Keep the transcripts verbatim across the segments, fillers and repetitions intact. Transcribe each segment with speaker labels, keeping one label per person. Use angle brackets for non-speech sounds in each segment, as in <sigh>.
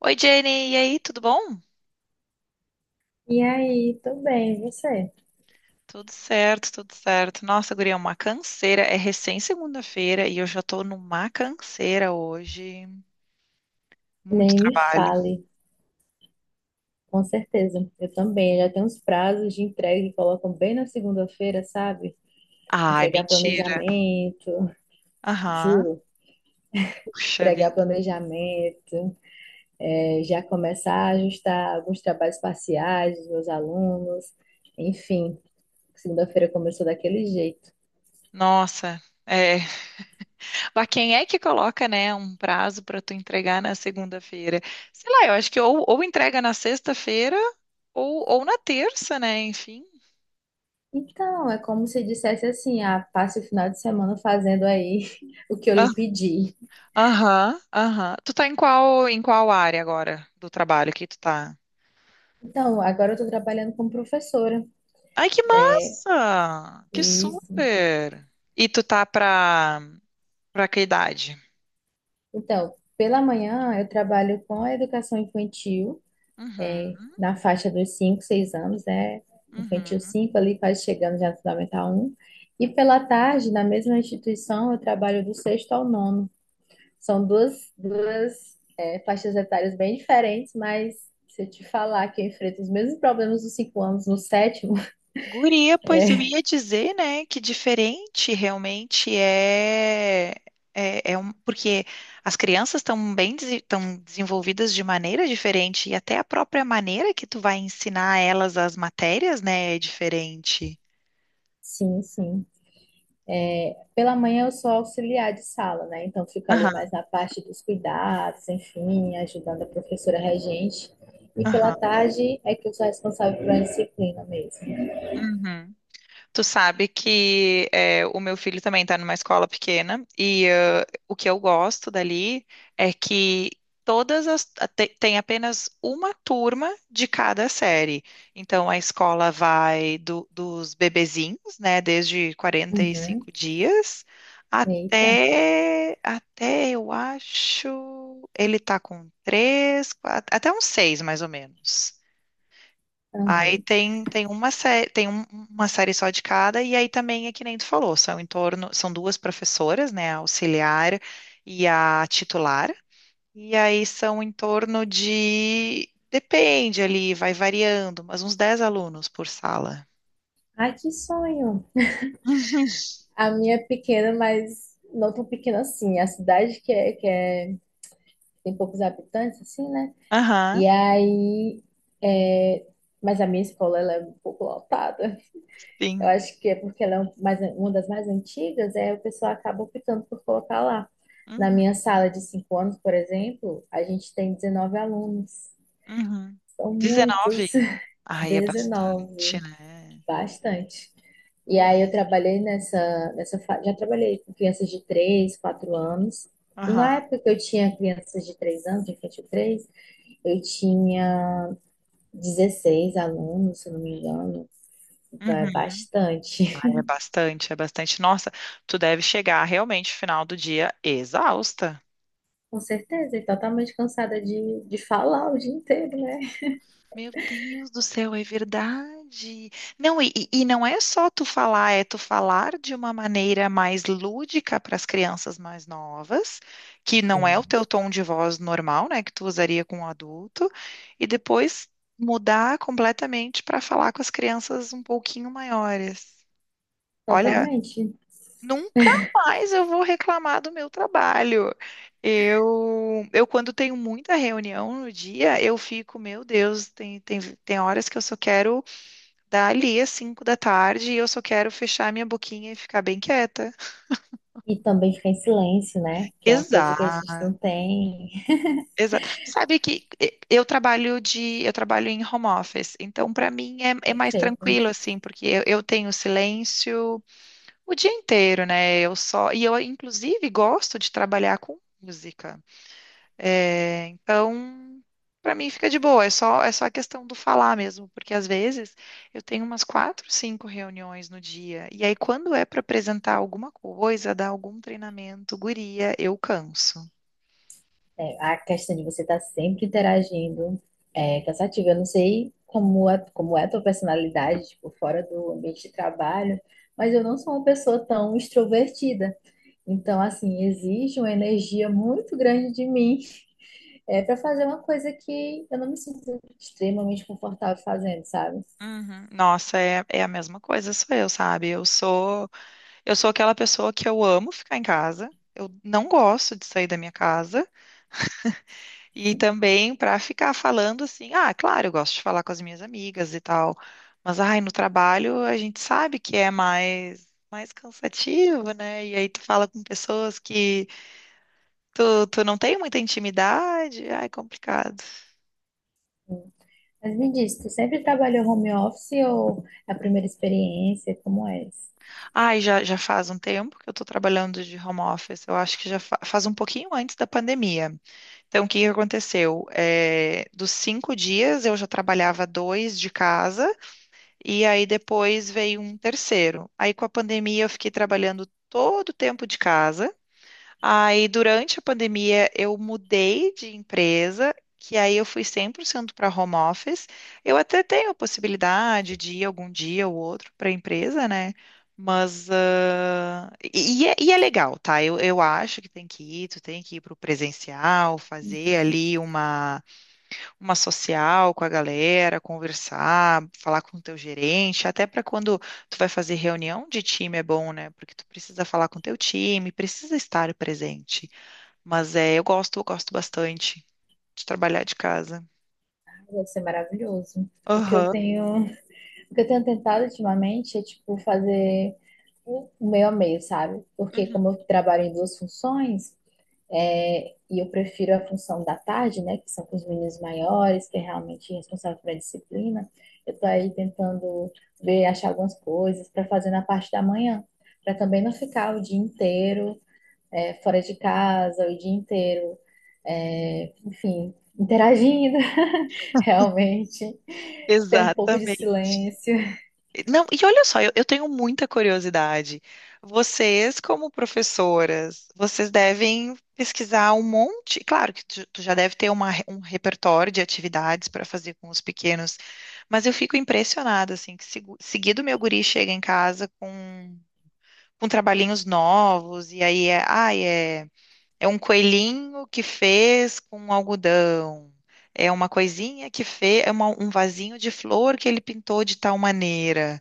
Speaker 1: Oi, Jenny, e aí, tudo bom?
Speaker 2: E aí, tudo bem, e você?
Speaker 1: Tudo certo, tudo certo. Nossa, guria, é uma canseira. É recém segunda-feira e eu já tô numa canseira hoje. Muito
Speaker 2: Nem me
Speaker 1: trabalho.
Speaker 2: fale, com certeza. Eu também, já tem uns prazos de entrega que colocam bem na segunda-feira, sabe?
Speaker 1: Ai,
Speaker 2: Entregar
Speaker 1: mentira.
Speaker 2: planejamento,
Speaker 1: Aham.
Speaker 2: juro,
Speaker 1: Puxa
Speaker 2: entregar
Speaker 1: vida.
Speaker 2: planejamento, eh, já começar a ajustar alguns trabalhos parciais dos meus alunos, enfim, segunda-feira começou daquele jeito.
Speaker 1: Nossa. É. Mas quem é que coloca, né, um prazo pra tu entregar na segunda-feira? Sei lá, eu acho que ou, ou entrega na sexta-feira ou, ou na terça, né? Enfim.
Speaker 2: Então, é como se dissesse assim, ah, passe o final de semana fazendo aí <laughs> o que eu
Speaker 1: Ah,
Speaker 2: lhe pedi.
Speaker 1: aham, aham. Tu tá em qual, em qual área agora do trabalho que tu tá?
Speaker 2: Então, agora eu estou trabalhando como professora
Speaker 1: Ai, que
Speaker 2: é,
Speaker 1: massa! Que
Speaker 2: Isso.
Speaker 1: super! E tu tá pra, pra que idade?
Speaker 2: Então, pela manhã eu trabalho com a educação infantil, é,
Speaker 1: Uhum,
Speaker 2: na faixa dos cinco, seis anos, né? Infantil
Speaker 1: uhum.
Speaker 2: cinco ali quase chegando já no Fundamental um. E pela tarde, na mesma instituição, eu trabalho do sexto ao nono. São duas, duas, é, faixas etárias bem diferentes, mas se eu te falar que eu enfrento os mesmos problemas dos cinco anos no sétimo,
Speaker 1: Guria, pois eu ia dizer, né, que diferente realmente é, é, é um, porque as crianças estão bem estão desenvolvidas de maneira diferente e até a própria maneira que tu vai ensinar elas as matérias, né, é diferente.
Speaker 2: <laughs> sim, sim. Pela manhã eu sou auxiliar de sala, né? Então fico ali
Speaker 1: Aham,
Speaker 2: mais na parte dos cuidados, enfim, ajudando a professora regente. E pela
Speaker 1: aham.
Speaker 2: tarde é que eu sou responsável pela disciplina mesmo.
Speaker 1: Uhum. Tu sabe que é, o meu filho também está numa escola pequena e ãh, o que eu gosto dali é que todas as te- tem apenas uma turma de cada série. Então a escola vai do- dos bebezinhos, né, desde
Speaker 2: Uhum.
Speaker 1: quarenta e cinco dias
Speaker 2: Eita.
Speaker 1: até até eu acho ele tá com três, quatro, até uns seis mais ou menos. Aí
Speaker 2: Uhum.
Speaker 1: tem, tem uma série, tem um- uma série só de cada, e aí também é que nem tu falou, são em torno, são duas professoras, né, a auxiliar e a titular, e aí são em torno de, depende ali, vai variando, mas uns dez alunos por sala.
Speaker 2: Ai, que sonho.
Speaker 1: <laughs>
Speaker 2: A minha é pequena, mas não tão pequena assim. A cidade que é, que é, tem poucos habitantes, assim, né?
Speaker 1: Uhum. Aham,
Speaker 2: E aí, é, mas a minha escola ela é um pouco lotada. Eu
Speaker 1: sim.
Speaker 2: acho que é porque ela é um- mais, uma das mais antigas, é o pessoal acaba optando por colocar lá. Na
Speaker 1: Uhum,
Speaker 2: minha sala de cinco anos, por exemplo, a gente tem dezenove alunos.
Speaker 1: uhum.
Speaker 2: São
Speaker 1: Dezenove.
Speaker 2: muitos. <laughs>
Speaker 1: Ai, é bastante,
Speaker 2: dezenove,
Speaker 1: né?
Speaker 2: bastante. E aí eu
Speaker 1: Uf.
Speaker 2: trabalhei nessa, nessa, fa- já trabalhei com crianças de três, quatro anos.
Speaker 1: Aham.
Speaker 2: Na época que eu tinha crianças de três anos, de infantil três, eu tinha dezesseis alunos, se eu não me engano. Então é
Speaker 1: Uhum.
Speaker 2: bastante.
Speaker 1: É bastante, é bastante. Nossa, tu deve chegar realmente no final do dia exausta.
Speaker 2: Com certeza, e totalmente cansada de, de falar o dia inteiro, né?
Speaker 1: Meu Deus do céu, é verdade. Não, e, e e não é só tu falar, é tu falar de uma maneira mais lúdica para as crianças mais novas, que não é o
Speaker 2: Sim.
Speaker 1: teu tom de voz normal, né, que tu usaria com um adulto, e depois mudar completamente para falar com as crianças um pouquinho maiores. Olha,
Speaker 2: Totalmente.
Speaker 1: nunca mais eu vou reclamar do meu trabalho. Eu, eu quando tenho muita reunião no dia, eu fico, meu Deus, tem, tem, tem horas que eu só quero dar ali às cinco da tarde e eu só quero fechar minha boquinha e ficar bem quieta.
Speaker 2: E também ficar em silêncio, né? Que é uma coisa
Speaker 1: Exato,
Speaker 2: que a gente não tem.
Speaker 1: exato. Sabe que eh, eu trabalho de, eu trabalho em home office, então para mim é, é mais
Speaker 2: Perfeito.
Speaker 1: tranquilo assim, porque eu, eu tenho silêncio o dia inteiro, né? Eu só, e eu inclusive gosto de trabalhar com música. É, então, para mim fica de boa, é só, é só a questão do falar mesmo, porque às vezes eu tenho umas quatro, cinco reuniões no dia, e aí quando é para apresentar alguma coisa, dar algum treinamento, guria, eu canso.
Speaker 2: É, a questão de você estar sempre interagindo é cansativa. Eu não sei como é, como é a tua personalidade, tipo, fora do ambiente de trabalho, mas eu não sou uma pessoa tão extrovertida. Então, assim, exige uma energia muito grande de mim É para fazer uma coisa que eu não me sinto extremamente confortável fazendo, sabe?
Speaker 1: Uhum. Nossa, é, é a mesma coisa, sou eu, sabe? Eu sou, eu sou aquela pessoa que eu amo ficar em casa, eu não gosto de sair da minha casa. E também para ficar falando assim, ah, claro, eu gosto de falar com as minhas amigas e tal, mas ai, no trabalho a gente sabe que é mais mais cansativo, né? E aí tu fala com pessoas que tu, tu não tem muita intimidade, ai, complicado.
Speaker 2: Mas me diz, tu sempre trabalhou home office ou é a primeira experiência? Como é isso?
Speaker 1: Ai, já, já faz um tempo que eu tô trabalhando de home office, eu acho que já fa- faz um pouquinho antes da pandemia. Então, o que que aconteceu? É, dos cinco dias eu já trabalhava dois de casa. E aí depois veio um terceiro. Aí com a pandemia eu fiquei trabalhando todo o tempo de casa. Aí durante a pandemia eu mudei de empresa, que aí eu fui cem por cento para home office. Eu até tenho a possibilidade de ir algum dia ou outro para a empresa, né? Mas ah, e, e é, e é legal, tá? Eu, eu acho que tem que ir, tu tem que ir para o presencial, fazer ali uma uma social com a galera, conversar, falar com o teu gerente, até para quando tu vai fazer reunião de time é bom, né? Porque tu precisa falar com o teu time, precisa estar presente. Mas é, eu gosto, eu gosto bastante de trabalhar de casa.
Speaker 2: Ah, deve ser maravilhoso. O que eu
Speaker 1: Aham,
Speaker 2: tenho, o que eu tenho tentado ultimamente é tipo fazer o meio a meio, sabe? Porque como
Speaker 1: uhum,
Speaker 2: eu trabalho em duas funções, é, e eu prefiro a função da tarde, né, que são com os meninos maiores, que é realmente responsável pela disciplina. Eu estou aí tentando ver, achar algumas coisas para fazer na parte da manhã, para também não ficar o dia inteiro é, fora de casa, o dia inteiro, é, enfim, interagindo, <laughs> realmente, ter um pouco de
Speaker 1: exatamente.
Speaker 2: silêncio.
Speaker 1: Não, e olha só, eu, eu tenho muita curiosidade. Vocês, como professoras, vocês devem pesquisar um monte. Claro que tu, tu já deve ter uma re- um repertório de atividades para fazer com os pequenos, mas eu fico impressionada, assim, que segu- seguido meu guri chega em casa com, com trabalhinhos novos, e aí é, ai, é, é um coelhinho que fez com algodão. É uma coisinha que fez, é uma- um vasinho de flor que ele pintou de tal maneira.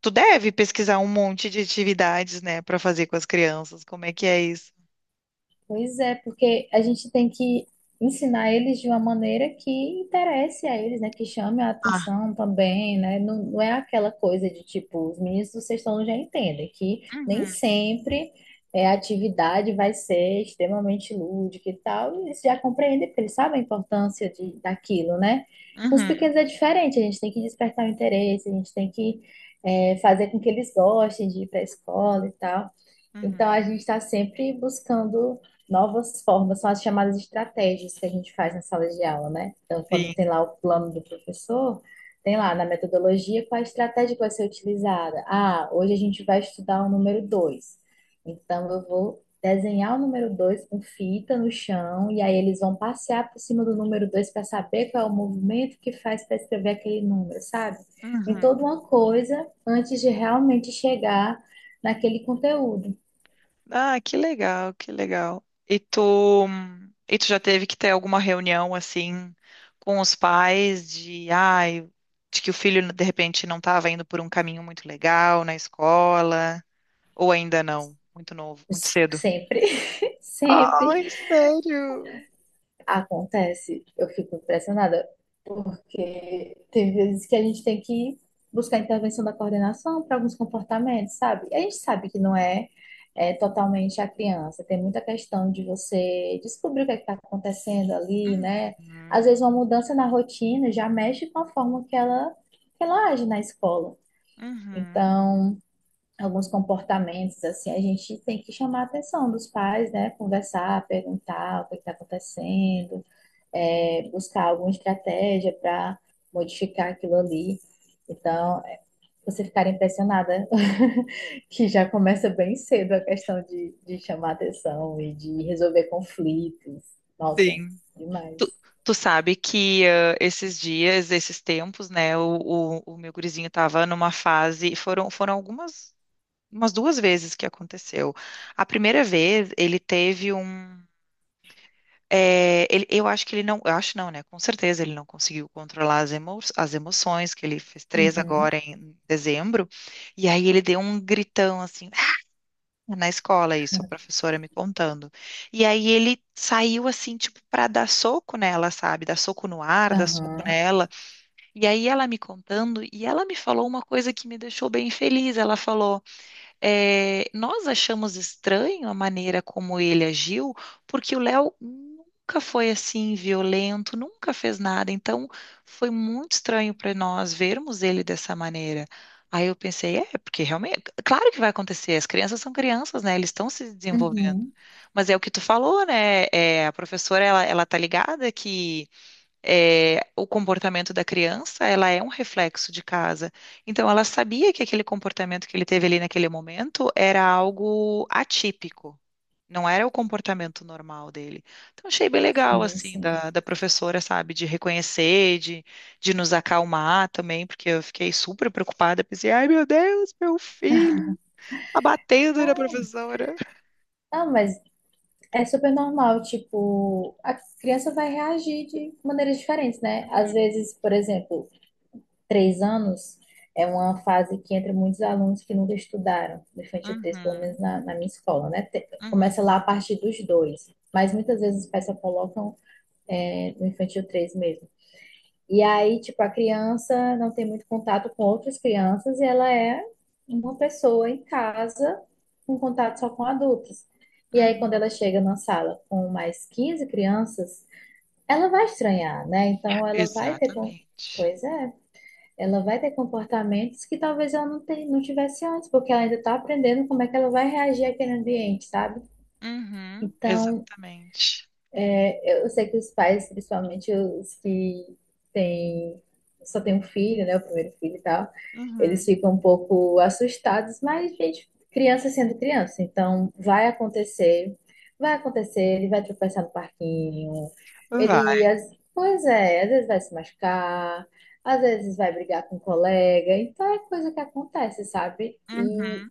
Speaker 1: Tu deve pesquisar um monte de atividades, né, para fazer com as crianças. Como é que é isso?
Speaker 2: Pois é, porque a gente tem que ensinar eles de uma maneira que interesse a eles, né? Que chame a
Speaker 1: Ah,
Speaker 2: atenção também, né? Não, não é aquela coisa de tipo, os meninos do sexto ano já entendem que nem
Speaker 1: uhum,
Speaker 2: sempre é, a atividade vai ser extremamente lúdica e tal. E eles já compreendem, porque eles sabem a importância de, daquilo, né? Com os
Speaker 1: uhum,
Speaker 2: pequenos é diferente, a gente tem que despertar o interesse, a gente tem que é, fazer com que eles gostem de ir para a escola e tal. Então, a
Speaker 1: uhum,
Speaker 2: gente está sempre buscando novas formas, são as chamadas estratégias que a gente faz na sala de aula, né? Então, quando
Speaker 1: sim,
Speaker 2: tem lá o plano do professor, tem lá na metodologia qual a estratégia que vai ser utilizada. Ah, hoje a gente vai estudar o número dois. Então, eu vou desenhar o número dois com fita no chão, e aí eles vão passear por cima do número dois para saber qual é o movimento que faz para escrever aquele número, sabe? Tem toda
Speaker 1: uhum.
Speaker 2: uma coisa antes de realmente chegar naquele conteúdo.
Speaker 1: Ah, que legal, que legal. E tu, e tu já teve que ter alguma reunião assim com os pais de, ai, de que o filho de repente não estava indo por um caminho muito legal na escola, ou ainda não, muito novo, muito cedo.
Speaker 2: Sempre, <laughs> sempre
Speaker 1: Ai, sério?
Speaker 2: acontece. Eu fico impressionada, porque tem vezes que a gente tem que buscar intervenção da coordenação para alguns comportamentos, sabe? E a gente sabe que não é, é totalmente a criança, tem muita questão de você descobrir o que está acontecendo ali, né? Às
Speaker 1: Uhum,
Speaker 2: vezes uma mudança na rotina já mexe com a forma que ela, que ela age na escola.
Speaker 1: uhum,
Speaker 2: Então, alguns comportamentos, assim, a gente tem que chamar a atenção dos pais, né? Conversar, perguntar o que está acontecendo, é, buscar alguma estratégia para modificar aquilo ali. Então, é, você ficar impressionada <laughs> que já começa bem cedo a questão de, de chamar atenção e de resolver conflitos. Nossa,
Speaker 1: sim. Tu,
Speaker 2: demais.
Speaker 1: tu sabe que ah, esses dias, esses tempos, né, o, o, o meu gurizinho estava numa fase, foram, foram algumas, umas duas vezes que aconteceu. A primeira vez, ele teve um, eh, ele, eu acho que ele não, eu acho não, né, com certeza ele não conseguiu controlar as, emo, as emoções, que ele fez três
Speaker 2: Uhum,
Speaker 1: agora em dezembro, e aí ele deu um gritão assim, é na escola, isso, a professora me contando. E aí ele saiu assim, tipo, pra dar soco nela, sabe? Dar soco no ar, dar soco
Speaker 2: aham,
Speaker 1: nela. E aí ela me contando, e ela me falou uma coisa que me deixou bem feliz. Ela falou. É, nós achamos estranho a maneira como ele agiu, porque o Léo nunca foi assim violento, nunca fez nada. Então, foi muito estranho para nós vermos ele dessa maneira. Aí eu pensei, é, porque realmente, claro que vai acontecer, as crianças são crianças, né? Eles estão se desenvolvendo.
Speaker 2: uhum,
Speaker 1: Mas é o que tu falou, né? É, a professora, ela, ela tá ligada que é, o comportamento da criança, ela é um reflexo de casa. Então, ela sabia que aquele comportamento que ele teve ali naquele momento era algo atípico, não era o comportamento normal dele. Então, achei bem legal,
Speaker 2: sim,
Speaker 1: assim,
Speaker 2: sim.
Speaker 1: da, da professora, sabe, de reconhecer, de, de nos acalmar também, porque eu fiquei super preocupada, pensei, ai, meu Deus, meu filho, tá batendo na professora.
Speaker 2: Ah, mas é super normal, tipo, a criança vai reagir de maneiras diferentes, né? Às
Speaker 1: Hum,
Speaker 2: vezes, por exemplo, três anos é uma fase que entra muitos alunos que nunca estudaram, no infantil três pelo
Speaker 1: Uhum,
Speaker 2: menos na, na minha escola, né? Te-
Speaker 1: uhum,
Speaker 2: Começa lá a partir dos dois, mas muitas vezes os pais só colocam é, no infantil três mesmo. E aí, tipo, a criança não tem muito contato com outras crianças e ela é uma pessoa em casa com contato só com adultos. E aí, quando
Speaker 1: uhum.
Speaker 2: ela chega na sala com mais quinze crianças, ela vai estranhar, né? Então, ela vai ter. com-
Speaker 1: Exatamente.
Speaker 2: Pois é, ela vai ter comportamentos que talvez ela não, te- não tivesse antes, porque ela ainda está aprendendo como é que ela vai reagir àquele ambiente, sabe?
Speaker 1: Uhum,
Speaker 2: Então,
Speaker 1: exatamente.
Speaker 2: eu sei que os pais, principalmente os que têm, só têm um filho, né, o primeiro filho e tal, eles
Speaker 1: Uhum,
Speaker 2: ficam um pouco assustados, mas, gente, criança sendo criança, então vai acontecer, vai acontecer, ele vai tropeçar no parquinho,
Speaker 1: vai.
Speaker 2: ele, às- pois é, às vezes vai se machucar, às vezes vai brigar com um colega, então é coisa que acontece, sabe? E
Speaker 1: Uhum,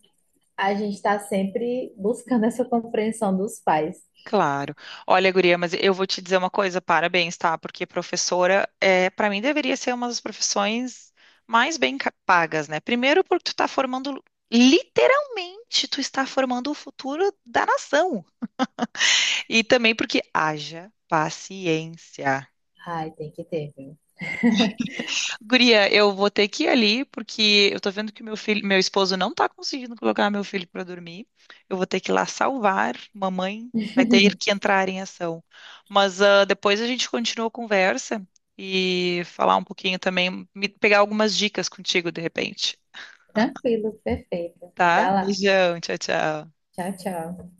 Speaker 2: a gente está sempre buscando <laughs> essa compreensão dos pais.
Speaker 1: claro. Olha, guria, mas eu vou te dizer uma coisa, parabéns, tá? Porque professora, é, para mim, deveria ser uma das profissões mais bem ca- pagas, né? Primeiro porque tu tá formando, literalmente, tu está formando o futuro da nação. E também porque haja paciência.
Speaker 2: Ai, tem que ter, viu?
Speaker 1: Guria, eu vou ter que ir ali, porque eu tô vendo que meu filho, meu esposo não tá conseguindo colocar meu filho pra dormir. Eu vou ter que ir lá salvar. Mamãe vai ter que entrar em ação. Mas ah, depois a gente continua a conversa e falar um pouquinho também, me- pegar algumas dicas contigo de repente,
Speaker 2: Tranquilo, perfeito.
Speaker 1: tá?
Speaker 2: Dá lá.
Speaker 1: Beijão, tchau, tchau.
Speaker 2: Tchau, tchau.